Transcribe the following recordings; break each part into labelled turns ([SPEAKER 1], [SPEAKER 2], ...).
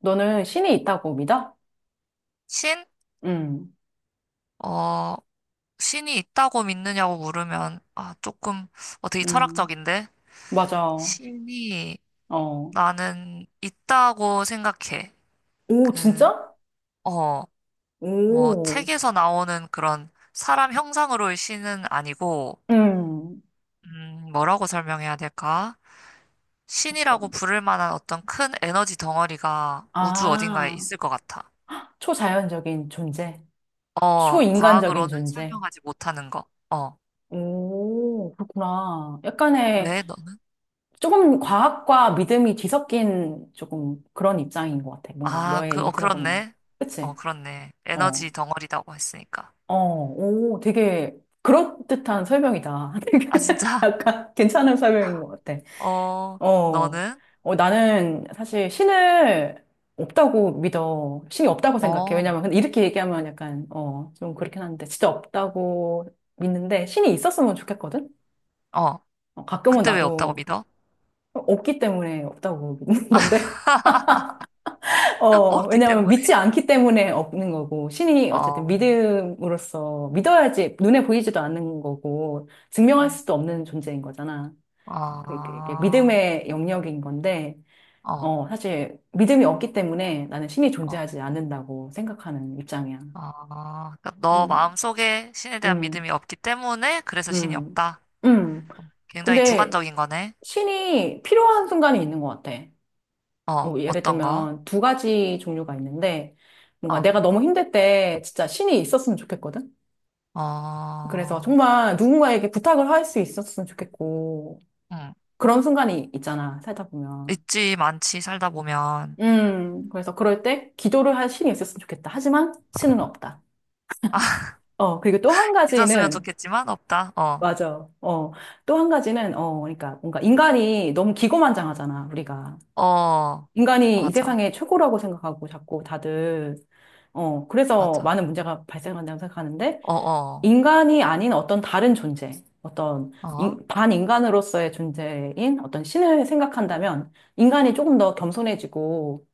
[SPEAKER 1] 너는 신이 있다고 믿어?
[SPEAKER 2] 신?
[SPEAKER 1] 응,
[SPEAKER 2] 어, 신이 있다고 믿느냐고 물으면, 아, 조금, 되게
[SPEAKER 1] 응,
[SPEAKER 2] 철학적인데?
[SPEAKER 1] 맞아.
[SPEAKER 2] 신이
[SPEAKER 1] 어.
[SPEAKER 2] 나는 있다고 생각해.
[SPEAKER 1] 오,
[SPEAKER 2] 그,
[SPEAKER 1] 진짜?
[SPEAKER 2] 어, 뭐,
[SPEAKER 1] 오,
[SPEAKER 2] 책에서 나오는 그런 사람 형상으로의 신은 아니고,
[SPEAKER 1] 음.
[SPEAKER 2] 뭐라고 설명해야 될까? 신이라고
[SPEAKER 1] 어떤,
[SPEAKER 2] 부를 만한 어떤 큰 에너지 덩어리가 우주 어딘가에
[SPEAKER 1] 아,
[SPEAKER 2] 있을 것 같아.
[SPEAKER 1] 초자연적인 존재. 초인간적인
[SPEAKER 2] 과학으로는
[SPEAKER 1] 존재.
[SPEAKER 2] 설명하지 못하는 거. 어,
[SPEAKER 1] 오, 그렇구나. 약간의
[SPEAKER 2] 왜 너는?
[SPEAKER 1] 조금 과학과 믿음이 뒤섞인 조금 그런 입장인 것 같아. 뭔가
[SPEAKER 2] 아,
[SPEAKER 1] 너의
[SPEAKER 2] 그,
[SPEAKER 1] 얘기 들어보면.
[SPEAKER 2] 그렇네.
[SPEAKER 1] 그치?
[SPEAKER 2] 그렇네.
[SPEAKER 1] 어,
[SPEAKER 2] 에너지 덩어리라고 했으니까.
[SPEAKER 1] 오, 되게 그럴듯한 설명이다. 되게
[SPEAKER 2] 아, 진짜?
[SPEAKER 1] 약간 괜찮은 설명인 것 같아.
[SPEAKER 2] 어,
[SPEAKER 1] 어,
[SPEAKER 2] 너는?
[SPEAKER 1] 나는 사실 신을 없다고 믿어. 신이 없다고 생각해.
[SPEAKER 2] 어,
[SPEAKER 1] 왜냐면, 근데 이렇게 얘기하면 약간, 좀 그렇긴 한데, 진짜 없다고 믿는데, 신이 있었으면 좋겠거든?
[SPEAKER 2] 어.
[SPEAKER 1] 가끔은
[SPEAKER 2] 근데 왜 없다고
[SPEAKER 1] 나도
[SPEAKER 2] 믿어?
[SPEAKER 1] 없기 때문에 없다고 믿는 건데,
[SPEAKER 2] 없기
[SPEAKER 1] 왜냐면 믿지
[SPEAKER 2] 때문에.
[SPEAKER 1] 않기 때문에 없는 거고, 신이
[SPEAKER 2] 어,
[SPEAKER 1] 어쨌든
[SPEAKER 2] 어,
[SPEAKER 1] 믿음으로써 믿어야지 눈에 보이지도 않는 거고, 증명할 수도 없는 존재인 거잖아. 그게
[SPEAKER 2] 어,
[SPEAKER 1] 믿음의 영역인 건데,
[SPEAKER 2] 어,
[SPEAKER 1] 사실 믿음이 없기 때문에 나는 신이
[SPEAKER 2] 어.
[SPEAKER 1] 존재하지 않는다고 생각하는 입장이야.
[SPEAKER 2] 아, 그러니까 너
[SPEAKER 1] 음,
[SPEAKER 2] 마음속에 신에 대한
[SPEAKER 1] 음,
[SPEAKER 2] 믿음이 없기 때문에 그래서 신이
[SPEAKER 1] 음,
[SPEAKER 2] 없다.
[SPEAKER 1] 음.
[SPEAKER 2] 굉장히
[SPEAKER 1] 근데
[SPEAKER 2] 주관적인 거네.
[SPEAKER 1] 신이 필요한 순간이 있는 것 같아. 예를
[SPEAKER 2] 어떤 거?
[SPEAKER 1] 들면 두 가지 종류가 있는데 뭔가
[SPEAKER 2] 어,
[SPEAKER 1] 내가 너무 힘들 때 진짜 신이 있었으면 좋겠거든? 그래서
[SPEAKER 2] 어,
[SPEAKER 1] 정말 누군가에게 부탁을 할 수 있었으면 좋겠고
[SPEAKER 2] 응.
[SPEAKER 1] 그런 순간이 있잖아, 살다 보면.
[SPEAKER 2] 있지, 많지, 살다 보면.
[SPEAKER 1] 그래서 그럴 때 기도를 할 신이 있었으면 좋겠다. 하지만 신은 없다. 그리고 또 한
[SPEAKER 2] 있었으면
[SPEAKER 1] 가지는
[SPEAKER 2] 좋겠지만 없다. 어.
[SPEAKER 1] 맞아. 어. 또 한 가지는, 그러니까 뭔가 인간이 너무 기고만장하잖아, 우리가.
[SPEAKER 2] 어,
[SPEAKER 1] 인간이 이
[SPEAKER 2] 맞아,
[SPEAKER 1] 세상의 최고라고 생각하고 자꾸 다들, 그래서
[SPEAKER 2] 맞아.
[SPEAKER 1] 많은 문제가 발생한다고 생각하는데,
[SPEAKER 2] 어, 어,
[SPEAKER 1] 인간이 아닌 어떤 다른 존재, 어떤
[SPEAKER 2] 어,
[SPEAKER 1] 반인간으로서의 존재인 어떤 신을 생각한다면, 인간이 조금 더 겸손해지고,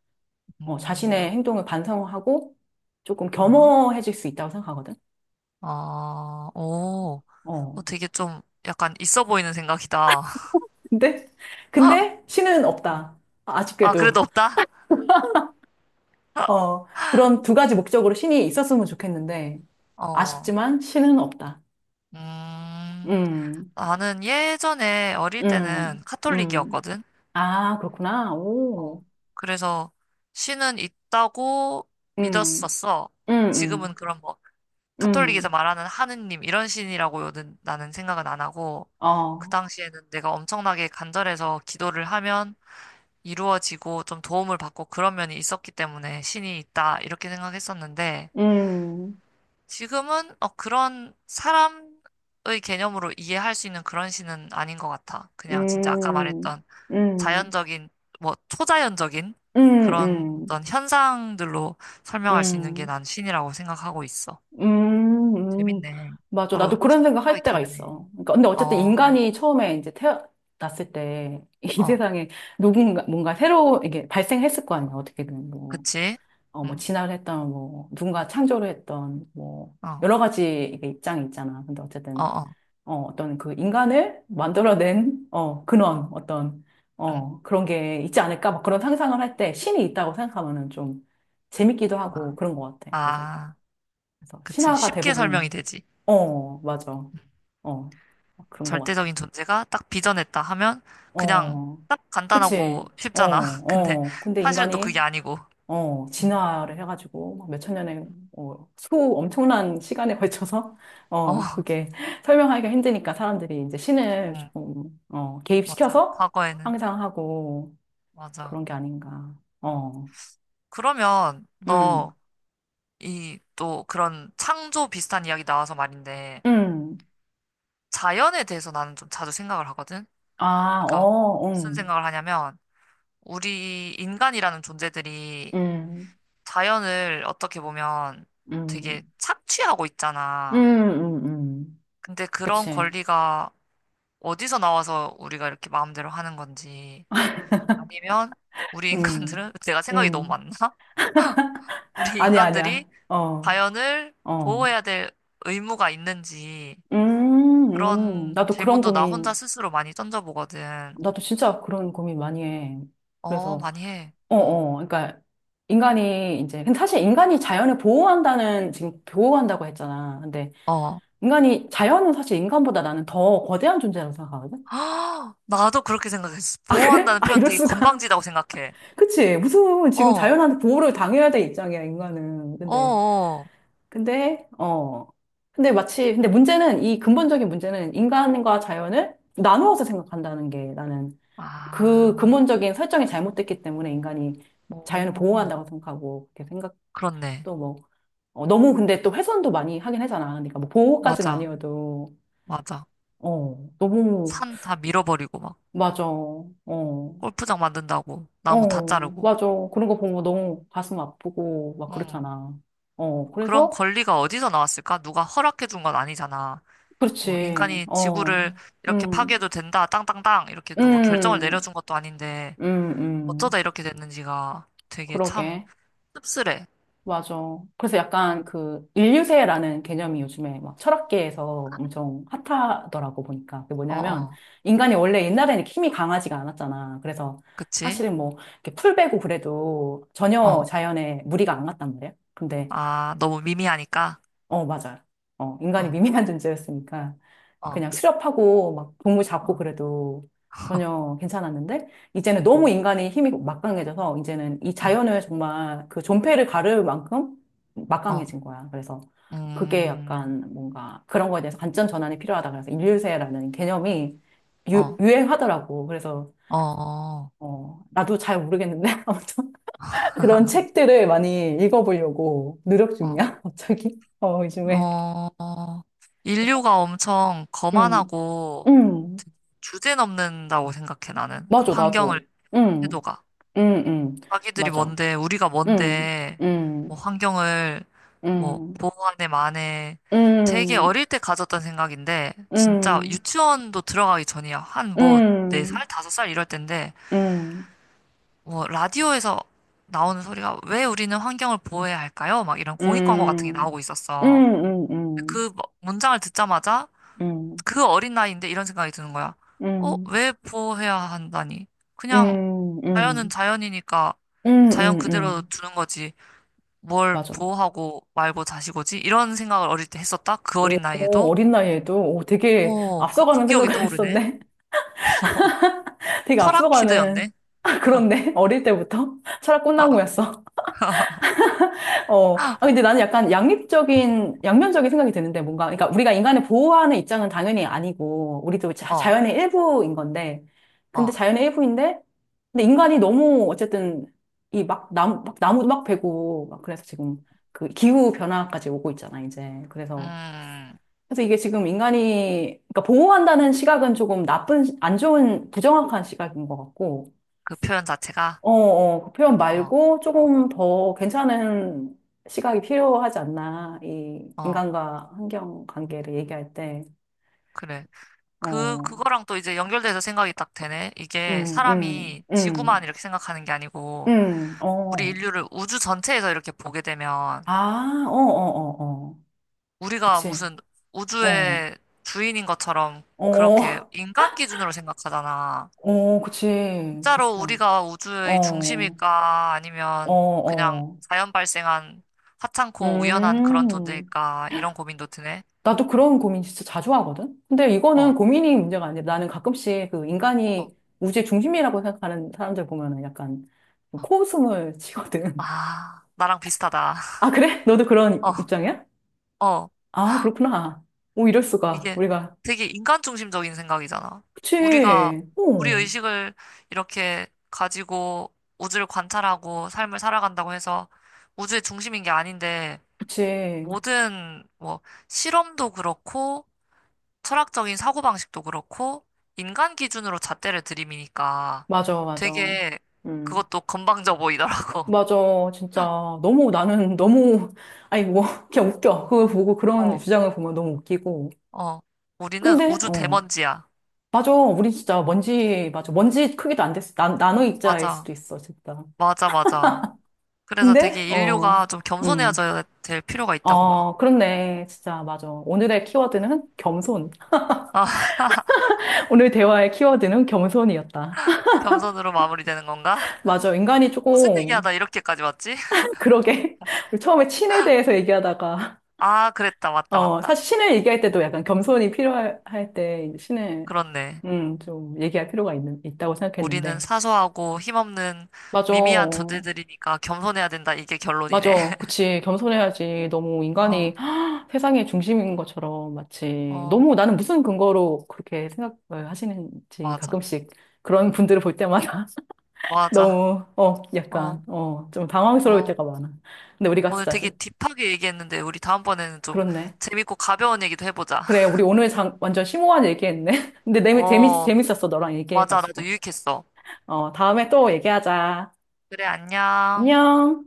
[SPEAKER 1] 자신의
[SPEAKER 2] 음,
[SPEAKER 1] 행동을 반성하고, 조금
[SPEAKER 2] 어,
[SPEAKER 1] 겸허해질 수 있다고 생각하거든.
[SPEAKER 2] 어, 오,
[SPEAKER 1] 어.
[SPEAKER 2] 되게 좀 약간 있어 보이는 생각이다.
[SPEAKER 1] 근데, 근데 신은
[SPEAKER 2] 어.
[SPEAKER 1] 없다.
[SPEAKER 2] 아, 그래도
[SPEAKER 1] 아쉽게도.
[SPEAKER 2] 없다?
[SPEAKER 1] 그런 두 가지 목적으로 신이 있었으면 좋겠는데,
[SPEAKER 2] 어,
[SPEAKER 1] 아쉽지만 신은 없다.
[SPEAKER 2] 음,
[SPEAKER 1] 음,
[SPEAKER 2] 나는 예전에 어릴 때는
[SPEAKER 1] 음, 음.
[SPEAKER 2] 카톨릭이었거든.
[SPEAKER 1] 아, 그렇구나.
[SPEAKER 2] 어,
[SPEAKER 1] 오,
[SPEAKER 2] 그래서 신은 있다고
[SPEAKER 1] 음,
[SPEAKER 2] 믿었었어.
[SPEAKER 1] 음,
[SPEAKER 2] 지금은
[SPEAKER 1] 음,
[SPEAKER 2] 그런 카톨릭에서
[SPEAKER 1] 음,
[SPEAKER 2] 말하는 하느님 이런 신이라고는 나는 생각은 안 하고 그
[SPEAKER 1] 어,
[SPEAKER 2] 당시에는 내가 엄청나게 간절해서 기도를 하면 이루어지고 좀 도움을 받고 그런 면이 있었기 때문에 신이 있다 이렇게 생각했었는데
[SPEAKER 1] 음,
[SPEAKER 2] 지금은 그런 사람의 개념으로 이해할 수 있는 그런 신은 아닌 것 같아. 그냥 진짜 아까
[SPEAKER 1] 음,
[SPEAKER 2] 말했던
[SPEAKER 1] 음, 음,
[SPEAKER 2] 자연적인 뭐 초자연적인 그런
[SPEAKER 1] 음,
[SPEAKER 2] 어떤 현상들로 설명할 수 있는 게
[SPEAKER 1] 음,
[SPEAKER 2] 난 신이라고 생각하고 있어.
[SPEAKER 1] 음, 음.
[SPEAKER 2] 재밌네.
[SPEAKER 1] 맞아.
[SPEAKER 2] 서로
[SPEAKER 1] 나도 그런 생각
[SPEAKER 2] 생각이
[SPEAKER 1] 할 때가
[SPEAKER 2] 다르네.
[SPEAKER 1] 있어. 그러니까 근데 어쨌든
[SPEAKER 2] 어,
[SPEAKER 1] 인간이 처음에 이제 태어났을 때, 이
[SPEAKER 2] 어,
[SPEAKER 1] 세상에 누군가, 뭔가 새로, 이게 발생했을 거 아니야, 어떻게든. 뭐.
[SPEAKER 2] 그치?
[SPEAKER 1] 뭐,
[SPEAKER 2] 응,
[SPEAKER 1] 진화를 했던, 뭐, 누군가 창조를 했던, 뭐,
[SPEAKER 2] 어,
[SPEAKER 1] 여러 가지 이게 입장이 있잖아. 근데
[SPEAKER 2] 어,
[SPEAKER 1] 어쨌든,
[SPEAKER 2] 어,
[SPEAKER 1] 어떤 그 인간을 만들어낸, 근원, 어떤,
[SPEAKER 2] 응.
[SPEAKER 1] 그런 게 있지 않을까? 막 그런 상상을 할 때 신이 있다고 생각하면은 좀 재밌기도 하고
[SPEAKER 2] 아,
[SPEAKER 1] 그런 것 같아. 그래서,
[SPEAKER 2] 아, 그치.
[SPEAKER 1] 신화가
[SPEAKER 2] 쉽게 설명이
[SPEAKER 1] 대부분,
[SPEAKER 2] 되지.
[SPEAKER 1] 맞아. 어, 그런 것 같아.
[SPEAKER 2] 절대적인 존재가 딱 빚어냈다 하면 그냥
[SPEAKER 1] 어,
[SPEAKER 2] 딱
[SPEAKER 1] 그치.
[SPEAKER 2] 간단하고
[SPEAKER 1] 어,
[SPEAKER 2] 쉽잖아. 근데
[SPEAKER 1] 어. 근데
[SPEAKER 2] 사실은 또
[SPEAKER 1] 인간이
[SPEAKER 2] 그게 아니고. 응,
[SPEAKER 1] 진화를 해가지고, 막 몇천 년의, 수 엄청난 시간에 걸쳐서,
[SPEAKER 2] 어,
[SPEAKER 1] 그게 설명하기가 힘드니까 사람들이 이제 신을
[SPEAKER 2] 응,
[SPEAKER 1] 조금,
[SPEAKER 2] 맞아.
[SPEAKER 1] 개입시켜서
[SPEAKER 2] 과거에는,
[SPEAKER 1] 상상하고
[SPEAKER 2] 맞아.
[SPEAKER 1] 그런 게 아닌가.
[SPEAKER 2] 응.
[SPEAKER 1] 어,
[SPEAKER 2] 그러면
[SPEAKER 1] 음,
[SPEAKER 2] 너 이 또 그런 창조 비슷한 이야기 나와서 말인데
[SPEAKER 1] 음,
[SPEAKER 2] 자연에 대해서 나는 좀 자주 생각을 하거든.
[SPEAKER 1] 아,
[SPEAKER 2] 그러니까
[SPEAKER 1] 어,
[SPEAKER 2] 무슨 생각을 하냐면 우리 인간이라는 존재들이
[SPEAKER 1] 음,
[SPEAKER 2] 자연을 어떻게 보면 되게
[SPEAKER 1] 음,
[SPEAKER 2] 착취하고
[SPEAKER 1] 음,
[SPEAKER 2] 있잖아.
[SPEAKER 1] 음, 음.
[SPEAKER 2] 근데 그런
[SPEAKER 1] 그치.
[SPEAKER 2] 권리가 어디서 나와서 우리가 이렇게 마음대로 하는 건지 아니면 우리
[SPEAKER 1] 음,
[SPEAKER 2] 인간들은 제가 생각이 너무
[SPEAKER 1] 음.
[SPEAKER 2] 많나? 우리
[SPEAKER 1] 아니야, 아니야.
[SPEAKER 2] 인간들이
[SPEAKER 1] 어,
[SPEAKER 2] 자연을
[SPEAKER 1] 어.
[SPEAKER 2] 보호해야 될 의무가 있는지
[SPEAKER 1] 음, 음.
[SPEAKER 2] 그런
[SPEAKER 1] 나도 그런
[SPEAKER 2] 질문도 나 혼자
[SPEAKER 1] 고민
[SPEAKER 2] 스스로 많이 던져보거든.
[SPEAKER 1] 나도 진짜 그런 고민 많이 해. 그래서,
[SPEAKER 2] 많이 해.
[SPEAKER 1] 어,
[SPEAKER 2] 어,
[SPEAKER 1] 어. 그러니까, 인간이 이제, 근데 사실 인간이 자연을 보호한다는, 지금 보호한다고 했잖아. 근데,
[SPEAKER 2] 어.
[SPEAKER 1] 인간이, 자연은 사실 인간보다 나는 더 거대한 존재라고 생각하거든?
[SPEAKER 2] 아, 나도 그렇게 생각했어.
[SPEAKER 1] 그래?
[SPEAKER 2] 보호한다는
[SPEAKER 1] 아,
[SPEAKER 2] 표현
[SPEAKER 1] 이럴
[SPEAKER 2] 되게
[SPEAKER 1] 수가.
[SPEAKER 2] 건방지다고 생각해.
[SPEAKER 1] 그치? 무슨, 지금
[SPEAKER 2] 어,
[SPEAKER 1] 자연한테 보호를 당해야 될 입장이야, 인간은.
[SPEAKER 2] 어,
[SPEAKER 1] 근데,
[SPEAKER 2] 어.
[SPEAKER 1] 어. 근데 문제는, 이 근본적인 문제는 인간과 자연을 나누어서 생각한다는 게 나는 그
[SPEAKER 2] 아,
[SPEAKER 1] 근본적인 설정이 잘못됐기 때문에 인간이 자연을
[SPEAKER 2] 오,
[SPEAKER 1] 보호한다고 생각하고 그렇게 생각도
[SPEAKER 2] 그렇네.
[SPEAKER 1] 뭐 너무 근데 또 훼손도 많이 하긴 하잖아. 그러니까 뭐 보호까지는
[SPEAKER 2] 맞아,
[SPEAKER 1] 아니어도
[SPEAKER 2] 맞아.
[SPEAKER 1] 너무
[SPEAKER 2] 산 다 밀어버리고 막
[SPEAKER 1] 맞아. 어.
[SPEAKER 2] 골프장 만든다고 나무 다 자르고.
[SPEAKER 1] 맞아. 그런 거 보면 너무 가슴 아프고 막
[SPEAKER 2] 응.
[SPEAKER 1] 그렇잖아.
[SPEAKER 2] 그런
[SPEAKER 1] 그래서
[SPEAKER 2] 권리가 어디서 나왔을까? 누가 허락해 준 건 아니잖아. 뭐
[SPEAKER 1] 그렇지.
[SPEAKER 2] 인간이
[SPEAKER 1] 어.
[SPEAKER 2] 지구를 이렇게
[SPEAKER 1] 음.
[SPEAKER 2] 파괴해도 된다, 땅땅땅 이렇게 누가 결정을
[SPEAKER 1] 음.
[SPEAKER 2] 내려준 것도 아닌데
[SPEAKER 1] 음.
[SPEAKER 2] 어쩌다
[SPEAKER 1] 음.
[SPEAKER 2] 이렇게 됐는지가 되게 참
[SPEAKER 1] 그러게.
[SPEAKER 2] 씁쓸해.
[SPEAKER 1] 맞아. 그래서
[SPEAKER 2] 응.
[SPEAKER 1] 약간 그 인류세라는 개념이 요즘에 막 철학계에서 엄청 핫하더라고 보니까. 그게
[SPEAKER 2] 어,
[SPEAKER 1] 뭐냐면
[SPEAKER 2] 어,
[SPEAKER 1] 인간이 원래 옛날에는 이렇게 힘이 강하지가 않았잖아. 그래서
[SPEAKER 2] 그치?
[SPEAKER 1] 사실은 뭐 이렇게 풀 베고 그래도 전혀
[SPEAKER 2] 어.
[SPEAKER 1] 자연에 무리가 안 갔단 말이야. 근데
[SPEAKER 2] 아, 너무 미미하니까.
[SPEAKER 1] 맞아. 인간이
[SPEAKER 2] 어,
[SPEAKER 1] 미미한 존재였으니까.
[SPEAKER 2] 어,
[SPEAKER 1] 그냥 수렵하고 막 동물
[SPEAKER 2] 어,
[SPEAKER 1] 잡고 그래도 전혀 괜찮았는데 이제는 너무
[SPEAKER 2] 음,
[SPEAKER 1] 인간이 힘이 막강해져서 이제는 이
[SPEAKER 2] 어,
[SPEAKER 1] 자연을 정말 그 존폐를 가를 만큼
[SPEAKER 2] 어,
[SPEAKER 1] 막강해진 거야. 그래서 그게
[SPEAKER 2] 음,
[SPEAKER 1] 약간 뭔가 그런 거에 대해서 관점 전환이 필요하다. 그래서 인류세라는 개념이
[SPEAKER 2] 어,
[SPEAKER 1] 유행하더라고. 그래서
[SPEAKER 2] 어, 어,
[SPEAKER 1] 나도 잘 모르겠는데 아무튼 그런 책들을 많이 읽어보려고 노력 중이야. 갑자기 요즘에.
[SPEAKER 2] 어, 어. 인류가 엄청
[SPEAKER 1] 음,
[SPEAKER 2] 거만하고
[SPEAKER 1] 음,
[SPEAKER 2] 주제넘는다고 생각해, 나는. 그
[SPEAKER 1] 맞아,
[SPEAKER 2] 환경을,
[SPEAKER 1] 나도. 음.
[SPEAKER 2] 태도가.
[SPEAKER 1] 응, 응,
[SPEAKER 2] 자기들이
[SPEAKER 1] 맞아.
[SPEAKER 2] 뭔데, 우리가
[SPEAKER 1] 응,
[SPEAKER 2] 뭔데, 뭐
[SPEAKER 1] 응,
[SPEAKER 2] 환경을, 뭐,
[SPEAKER 1] 응,
[SPEAKER 2] 보호하네, 마네. 되게
[SPEAKER 1] 응,
[SPEAKER 2] 어릴 때 가졌던 생각인데,
[SPEAKER 1] 응,
[SPEAKER 2] 진짜
[SPEAKER 1] 응,
[SPEAKER 2] 유치원도 들어가기 전이야. 한 뭐, 네
[SPEAKER 1] 응,
[SPEAKER 2] 살 5살 이럴 때인데,
[SPEAKER 1] 응,
[SPEAKER 2] 뭐 라디오에서 나오는 소리가 왜 우리는 환경을 보호해야 할까요? 막 이런 공익 광고 같은 게
[SPEAKER 1] 응,
[SPEAKER 2] 나오고
[SPEAKER 1] 응,
[SPEAKER 2] 있었어.
[SPEAKER 1] 응, 응, 응,
[SPEAKER 2] 그 문장을 듣자마자
[SPEAKER 1] 응,
[SPEAKER 2] 그 어린 나이인데 이런 생각이 드는 거야. 왜 보호해야 한다니? 그냥 자연은
[SPEAKER 1] 응,
[SPEAKER 2] 자연이니까
[SPEAKER 1] 응,
[SPEAKER 2] 자연
[SPEAKER 1] 응.
[SPEAKER 2] 그대로
[SPEAKER 1] 응.
[SPEAKER 2] 두는 거지. 뭘
[SPEAKER 1] 맞아.
[SPEAKER 2] 보호하고 말고 자시고지? 이런 생각을 어릴 때 했었다? 그 어린
[SPEAKER 1] 오,
[SPEAKER 2] 나이에도?
[SPEAKER 1] 어린 나이에도 오, 되게
[SPEAKER 2] 오, 그
[SPEAKER 1] 앞서가는
[SPEAKER 2] 기억이
[SPEAKER 1] 생각을
[SPEAKER 2] 떠오르네.
[SPEAKER 1] 했었네. 되게
[SPEAKER 2] 철학
[SPEAKER 1] 앞서가는,
[SPEAKER 2] 키드였네.
[SPEAKER 1] 아, 그렇네. 어릴 때부터 철학 꿈나무였어. 근데 나는 약간 양립적인, 양면적인 생각이 드는데, 뭔가, 그러니까 우리가 인간을 보호하는 입장은 당연히 아니고, 우리도
[SPEAKER 2] 어,
[SPEAKER 1] 자연의 일부인 건데, 근데
[SPEAKER 2] 어,
[SPEAKER 1] 자연의 일부인데, 근데 인간이 너무 어쨌든, 이 막, 나무, 막, 나무 막 베고, 막 그래서 지금 그 기후 변화까지 오고 있잖아, 이제. 그래서,
[SPEAKER 2] 음,
[SPEAKER 1] 이게 지금 인간이, 그러니까 보호한다는 시각은 조금 나쁜, 안 좋은, 부정확한 시각인 것 같고,
[SPEAKER 2] 그 표현 자체가.
[SPEAKER 1] 그 표현
[SPEAKER 2] 어,
[SPEAKER 1] 말고 조금 더 괜찮은 시각이 필요하지 않나. 이
[SPEAKER 2] 어.
[SPEAKER 1] 인간과 환경 관계를 얘기할 때.
[SPEAKER 2] 그래.
[SPEAKER 1] 어,
[SPEAKER 2] 그거랑 또 이제 연결돼서 생각이 딱 되네. 이게
[SPEAKER 1] 음, 음,
[SPEAKER 2] 사람이 지구만
[SPEAKER 1] 음,
[SPEAKER 2] 이렇게 생각하는 게 아니고, 우리
[SPEAKER 1] 어.
[SPEAKER 2] 인류를 우주 전체에서 이렇게 보게 되면,
[SPEAKER 1] 아, 어, 어, 어, 어.
[SPEAKER 2] 우리가
[SPEAKER 1] 그치.
[SPEAKER 2] 무슨
[SPEAKER 1] 어,
[SPEAKER 2] 우주의 주인인 것처럼 그렇게
[SPEAKER 1] 어,
[SPEAKER 2] 인간 기준으로 생각하잖아.
[SPEAKER 1] 어, 그치. 그치.
[SPEAKER 2] 진짜로 우리가 우주의
[SPEAKER 1] 어,
[SPEAKER 2] 중심일까?
[SPEAKER 1] 어,
[SPEAKER 2] 아니면 그냥
[SPEAKER 1] 어.
[SPEAKER 2] 자연 발생한 하찮고 우연한 그런
[SPEAKER 1] 음.
[SPEAKER 2] 존재일까? 이런 고민도 드네.
[SPEAKER 1] 나도 그런 고민 진짜 자주 하거든? 근데 이거는
[SPEAKER 2] 어,
[SPEAKER 1] 고민이 문제가 아니라 나는 가끔씩 그
[SPEAKER 2] 어,
[SPEAKER 1] 인간이 우주의 중심이라고 생각하는 사람들 보면은 약간
[SPEAKER 2] 어.
[SPEAKER 1] 코웃음을 치거든.
[SPEAKER 2] 아, 나랑 비슷하다.
[SPEAKER 1] 아, 그래? 너도 그런 입장이야?
[SPEAKER 2] 어, 어.
[SPEAKER 1] 아, 그렇구나. 오, 이럴 수가.
[SPEAKER 2] 이게
[SPEAKER 1] 우리가.
[SPEAKER 2] 되게 인간 중심적인 생각이잖아. 우리가
[SPEAKER 1] 그치.
[SPEAKER 2] 우리
[SPEAKER 1] 오,
[SPEAKER 2] 의식을 이렇게 가지고 우주를 관찰하고 삶을 살아간다고 해서 우주의 중심인 게 아닌데
[SPEAKER 1] 그치.
[SPEAKER 2] 모든 뭐 실험도 그렇고 철학적인 사고방식도 그렇고 인간 기준으로 잣대를 들이미니까
[SPEAKER 1] 맞아, 맞아.
[SPEAKER 2] 되게
[SPEAKER 1] 음.
[SPEAKER 2] 그것도 건방져 보이더라고.
[SPEAKER 1] 맞아. 진짜. 너무 나는 너무, 아니, 뭐, 그냥 웃겨. 그거 보고 그런
[SPEAKER 2] 어,
[SPEAKER 1] 주장을 보면 너무 웃기고.
[SPEAKER 2] 어. 우리는
[SPEAKER 1] 근데,
[SPEAKER 2] 우주
[SPEAKER 1] 어.
[SPEAKER 2] 대먼지야.
[SPEAKER 1] 맞아. 우린 진짜 먼지, 맞아. 먼지 크기도 안 됐어. 나노 입자일
[SPEAKER 2] 맞아.
[SPEAKER 1] 수도 있어, 진짜.
[SPEAKER 2] 맞아, 맞아. 그래서
[SPEAKER 1] 근데,
[SPEAKER 2] 되게 인류가 좀
[SPEAKER 1] 음,
[SPEAKER 2] 겸손해져야 될 필요가 있다고 봐.
[SPEAKER 1] 그렇네. 진짜, 맞아. 오늘의 키워드는 겸손.
[SPEAKER 2] 아,
[SPEAKER 1] 오늘 대화의 키워드는 겸손이었다.
[SPEAKER 2] 겸손으로 마무리되는 건가?
[SPEAKER 1] 맞아. 인간이
[SPEAKER 2] 무슨
[SPEAKER 1] 조금,
[SPEAKER 2] 얘기하다 이렇게까지 왔지?
[SPEAKER 1] 그러게. 우리 처음에 신에 대해서 얘기하다가,
[SPEAKER 2] 아, 그랬다. 맞다, 맞다.
[SPEAKER 1] 사실 신을 얘기할 때도 약간 겸손이 필요할 할 때, 이제 신을,
[SPEAKER 2] 그렇네.
[SPEAKER 1] 좀 얘기할 필요가 있다고
[SPEAKER 2] 우리는
[SPEAKER 1] 생각했는데.
[SPEAKER 2] 사소하고 힘없는
[SPEAKER 1] 맞아.
[SPEAKER 2] 미미한 존재들이니까 겸손해야 된다. 이게 결론이네.
[SPEAKER 1] 맞아. 그치. 겸손해야지. 너무 인간이
[SPEAKER 2] 어,
[SPEAKER 1] 세상의 중심인 것처럼 마치
[SPEAKER 2] 어,
[SPEAKER 1] 너무 나는 무슨 근거로 그렇게 생각을 하시는지
[SPEAKER 2] 맞아.
[SPEAKER 1] 가끔씩 그런 분들을 볼 때마다
[SPEAKER 2] 맞아.
[SPEAKER 1] 너무,
[SPEAKER 2] 어,
[SPEAKER 1] 약간, 좀 당황스러울
[SPEAKER 2] 어.
[SPEAKER 1] 때가 많아. 근데 우리가
[SPEAKER 2] 오늘
[SPEAKER 1] 진짜,
[SPEAKER 2] 되게
[SPEAKER 1] 시-
[SPEAKER 2] 딥하게 얘기했는데, 우리 다음번에는 좀
[SPEAKER 1] 그렇네.
[SPEAKER 2] 재밌고 가벼운 얘기도 해보자.
[SPEAKER 1] 그래. 우리 오늘 완전 심오한 얘기했네. 근데
[SPEAKER 2] 어,
[SPEAKER 1] 재밌었어. 너랑
[SPEAKER 2] 맞아. 나도
[SPEAKER 1] 얘기해가지고.
[SPEAKER 2] 유익했어.
[SPEAKER 1] 다음에 또 얘기하자.
[SPEAKER 2] 그래, 안녕.
[SPEAKER 1] 안녕.